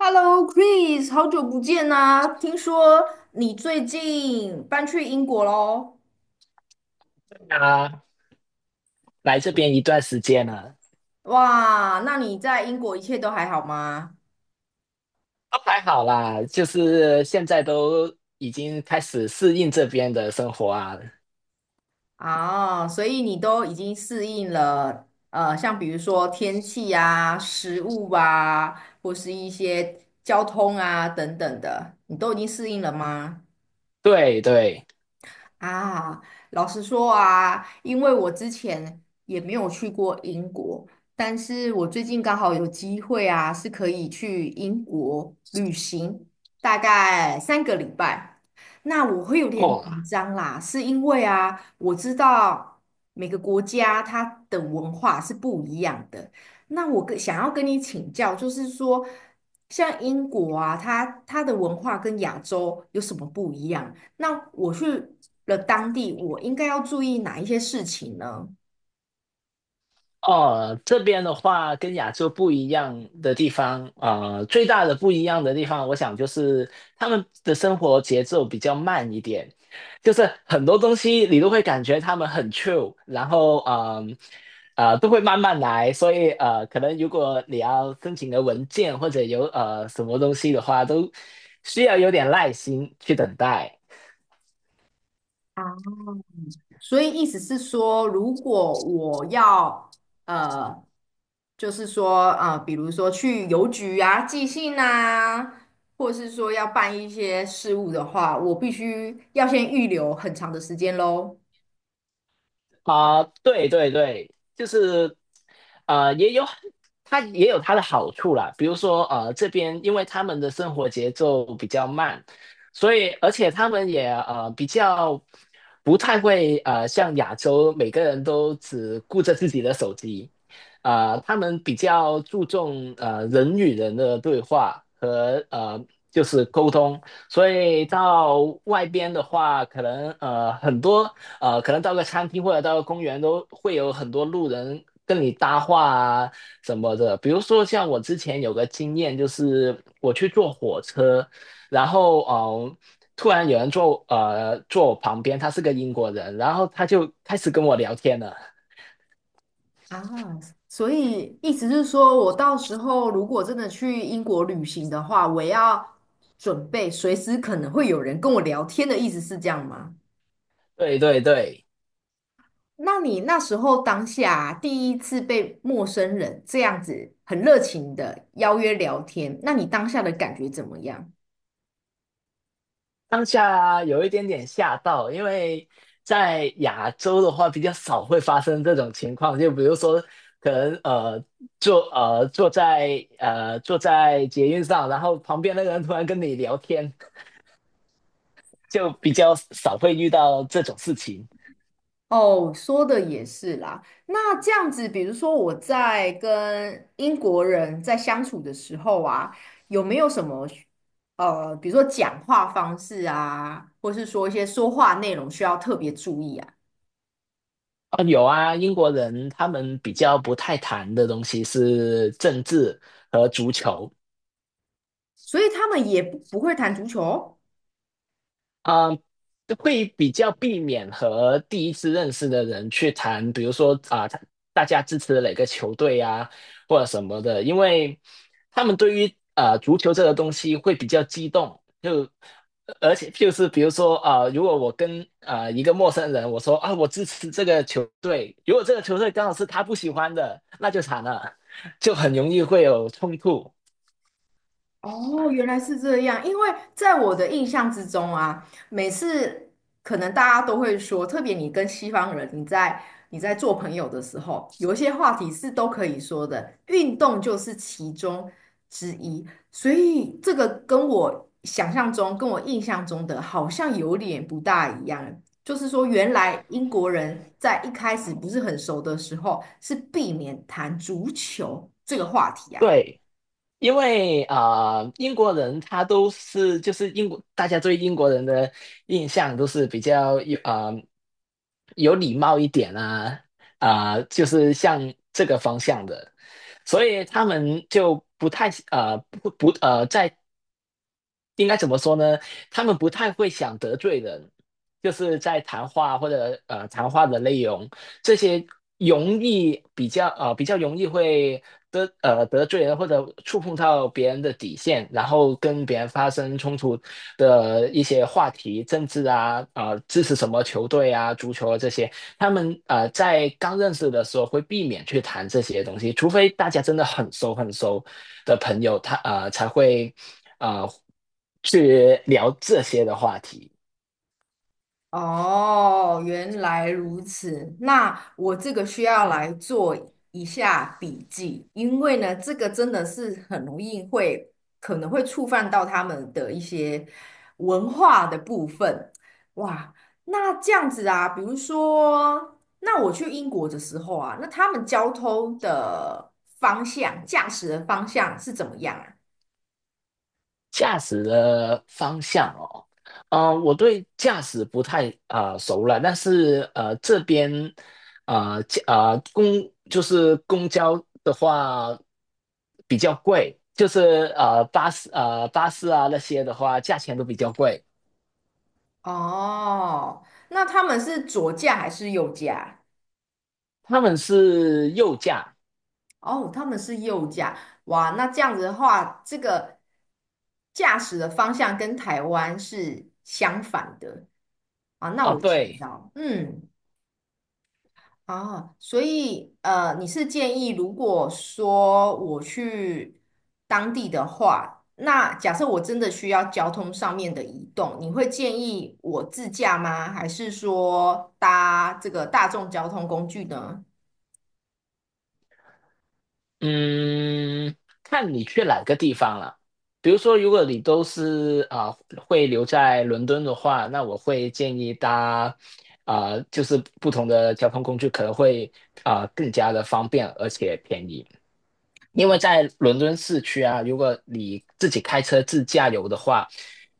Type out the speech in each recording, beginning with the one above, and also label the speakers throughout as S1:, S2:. S1: Hello, Chris,好久不见呐、听说你最近搬去英国喽？
S2: 啊，来这边一段时间了，
S1: 哇，那你在英国一切都还好吗？
S2: 都还好啦，就是现在都已经开始适应这边的生活啊。
S1: 啊，所以你都已经适应了，像比如说天气啊、食物啊，或是一些交通啊等等的，你都已经适应了吗？
S2: 对对。
S1: 啊，老实说啊，因为我之前也没有去过英国，但是我最近刚好有机会啊，是可以去英国旅行，大概3个礼拜。那我会有点
S2: 哦。
S1: 紧张啦，是因为啊，我知道每个国家它的文化是不一样的。那我跟想要跟你请教，就是说，像英国啊，它的文化跟亚洲有什么不一样？那我去了当地，我应该要注意哪一些事情呢？
S2: 哦，这边的话跟亚洲不一样的地方，最大的不一样的地方，我想就是他们的生活节奏比较慢一点，就是很多东西你都会感觉他们很 c h i l 然后都会慢慢来。所以可能如果你要申请个文件或者有什么东西的话，都需要有点耐心去等待。
S1: 啊，所以意思是说，如果我要呃，就是说比如说去邮局啊寄信啊，或是说要办一些事务的话，我必须要先预留很长的时间喽。
S2: 啊、对对对，就是呃，也有它也有它的好处啦。比如说这边因为他们的生活节奏比较慢，所以而且他们也比较不太会像亚洲每个人都只顾着自己的手机。他们比较注重人与人的对话和就是沟通。所以到外边的话，可能很多。可能到个餐厅或者到个公园都会有很多路人跟你搭话啊什么的。比如说像我之前有个经验，就是我去坐火车，然后突然有人坐我旁边，他是个英国人，然后他就开始跟我聊天了。
S1: 啊，所以意思是说，我到时候如果真的去英国旅行的话，我要准备随时可能会有人跟我聊天的意思是这样吗？
S2: 对对对。
S1: 那你那时候当下第一次被陌生人这样子很热情的邀约聊天，那你当下的感觉怎么样？
S2: 当下有一点点吓到，因为在亚洲的话比较少会发生这种情况，就比如说可能坐在捷运上，然后旁边那个人突然跟你聊天，就比较少会遇到这种事情。
S1: 哦，说的也是啦。那这样子，比如说我在跟英国人在相处的时候啊，有没有什么比如说讲话方式啊，或是说一些说话内容需要特别注意啊？
S2: 啊，有啊，英国人他们比较不太谈的东西是政治和足球。
S1: 所以他们也不会谈足球哦。
S2: 啊、呃会比较避免和第一次认识的人去谈，比如说啊、大家支持哪个球队啊，或者什么的。因为他们对于足球这个东西会比较激动，就而且就是比如说啊、如果我跟啊、一个陌生人我说啊我支持这个球队，如果这个球队刚好是他不喜欢的，那就惨了，就很容易会有冲突。
S1: 哦，原来是这样。因为在我的印象之中啊，每次可能大家都会说，特别你跟西方人，你在做朋友的时候，有一些话题是都可以说的，运动就是其中之一。所以这个跟我想象中、跟我印象中的好像有点不大一样。就是说，原来英国人在一开始不是很熟的时候，是避免谈足球这个话题啊。
S2: 对。因为啊、英国人他都是就是英国，大家对英国人的印象都是比较有礼貌一点啊，啊、就是像这个方向的。所以他们就不太呃不不呃在应该怎么说呢？他们不太会想得罪人，就是在谈话或者谈话的内容，这些容易比较啊比较容易会得罪人或者触碰到别人的底线，然后跟别人发生冲突的一些话题，政治啊啊支持什么球队啊足球啊这些，他们在刚认识的时候会避免去谈这些东西，除非大家真的很熟很熟的朋友，他才会。啊，去聊这些的话题。
S1: 哦，原来如此。那我这个需要来做一下笔记，因为呢，这个真的是很容易会可能会触犯到他们的一些文化的部分。哇，那这样子啊，比如说，那我去英国的时候啊，那他们交通的方向、驾驶的方向是怎么样啊？
S2: 驾驶的方向哦，嗯、我对驾驶不太熟了，但是这边呃驾呃公就是公交的话比较贵，就是巴士啊那些的话价钱都比较贵。
S1: 哦，那他们是左驾还是右驾？
S2: 他们是右驾
S1: 哦，他们是右驾，哇，那这样子的话，这个驾驶的方向跟台湾是相反的啊。那
S2: 啊，
S1: 我知
S2: 对。
S1: 道，嗯，啊，所以你是建议如果说我去当地的话，那假设我真的需要交通上面的移动，你会建议我自驾吗？还是说搭这个大众交通工具呢？
S2: 嗯，看你去哪个地方了。比如说，如果你都是啊、会留在伦敦的话，那我会建议就是不同的交通工具可能会更加的方便而且便宜。因为在伦敦市区啊，如果你自己开车自驾游的话，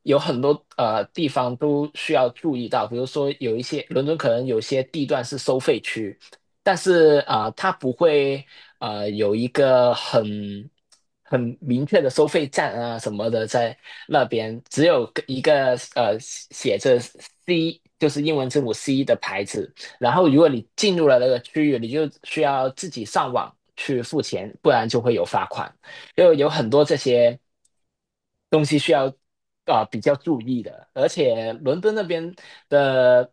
S2: 有很多地方都需要注意到，比如说有一些伦敦可能有些地段是收费区，但是它不会有一个很明确的收费站啊什么的在那边，只有一个写着 C 就是英文字母 C 的牌子。然后如果你进入了那个区域，你就需要自己上网去付钱，不然就会有罚款。因为有很多这些东西需要比较注意的。而且伦敦那边的，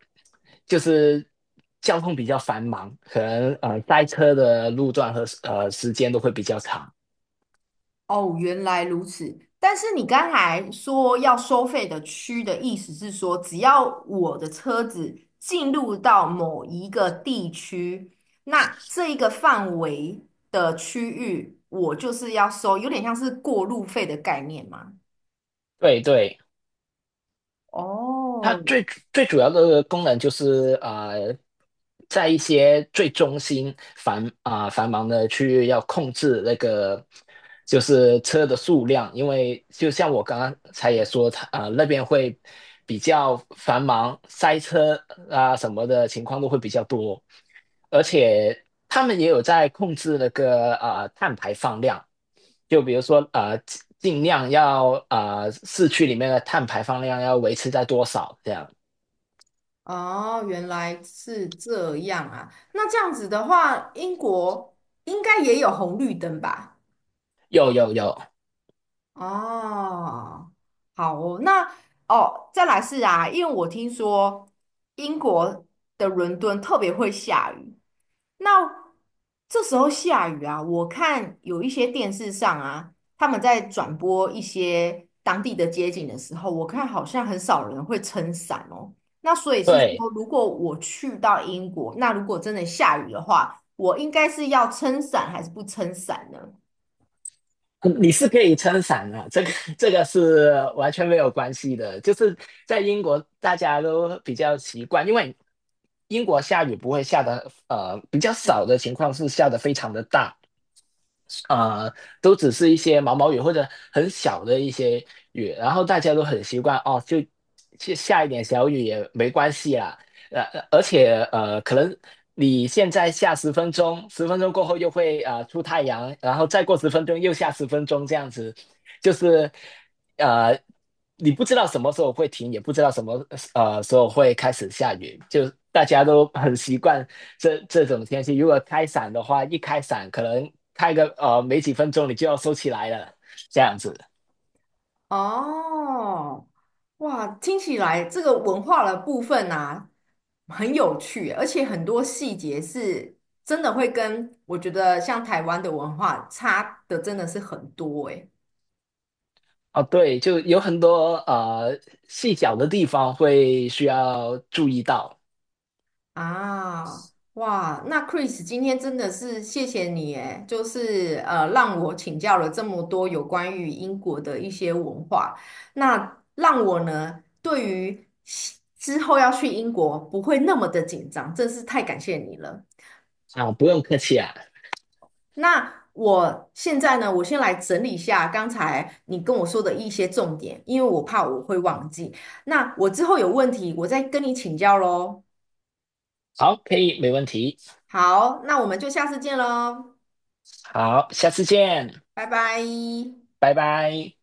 S2: 就是交通比较繁忙，可能塞车的路段和时间都会比较长。
S1: 哦，原来如此。但是你刚才说要收费的区的意思是说，只要我的车子进入到某一个地区，那这一个范围的区域，我就是要收，有点像是过路费的概念嘛。
S2: 对对。它
S1: 哦，
S2: 最最主要的功能就是在一些最中心繁忙的区域要控制那个就是车的数量。因为就像我刚刚才也说，那边会比较繁忙，塞车啊什么的情况都会比较多，而且他们也有在控制那个碳排放量。就比如说尽量要市区里面的碳排放量要维持在多少这样？
S1: 哦，原来是这样啊。那这样子的话，英国应该也有红绿灯吧？
S2: 有有有。
S1: 哦，好哦，那哦，再来是啊，因为我听说英国的伦敦特别会下雨，那这时候下雨啊，我看有一些电视上啊，他们在转播一些当地的街景的时候，我看好像很少人会撑伞哦。那所以是
S2: 对，
S1: 说，如果我去到英国，那如果真的下雨的话，我应该是要撑伞还是不撑伞呢？
S2: 嗯你是可以撑伞的，这个是完全没有关系的。就是在英国，大家都比较习惯。因为英国下雨不会下的，比较少的情况是下的非常的大，呃，都只是一些毛毛雨或者很小的一些雨，然后大家都很习惯哦，就下一点小雨也没关系啦。而且可能你现在下十分钟，十分钟过后又会出太阳，然后再过十分钟又下十分钟，这样子。就是呃，你不知道什么时候会停，也不知道什么时候会开始下雨，就大家都 很习惯这种天气。如果开伞的话，一开伞可能开个没几分钟你就要收起来了，这样子。
S1: 哦，哇，听起来这个文化的部分啊，很有趣，而且很多细节是真的会跟我觉得像台湾的文化差的真的是很多诶。
S2: 哦，对，就有很多细小的地方会需要注意到。
S1: 啊，哇，那 Chris 今天真的是谢谢你诶，就是让我请教了这么多有关于英国的一些文化，那让我呢对于西之后要去英国不会那么的紧张，真是太感谢你了。
S2: 啊，不用客气啊。
S1: 那我现在呢，我先来整理一下刚才你跟我说的一些重点，因为我怕我会忘记。那我之后有问题，我再跟你请教喽。
S2: 好，可以，没问题。
S1: 好，那我们就下次见喽。
S2: 好，下次见，
S1: 拜拜。
S2: 拜拜。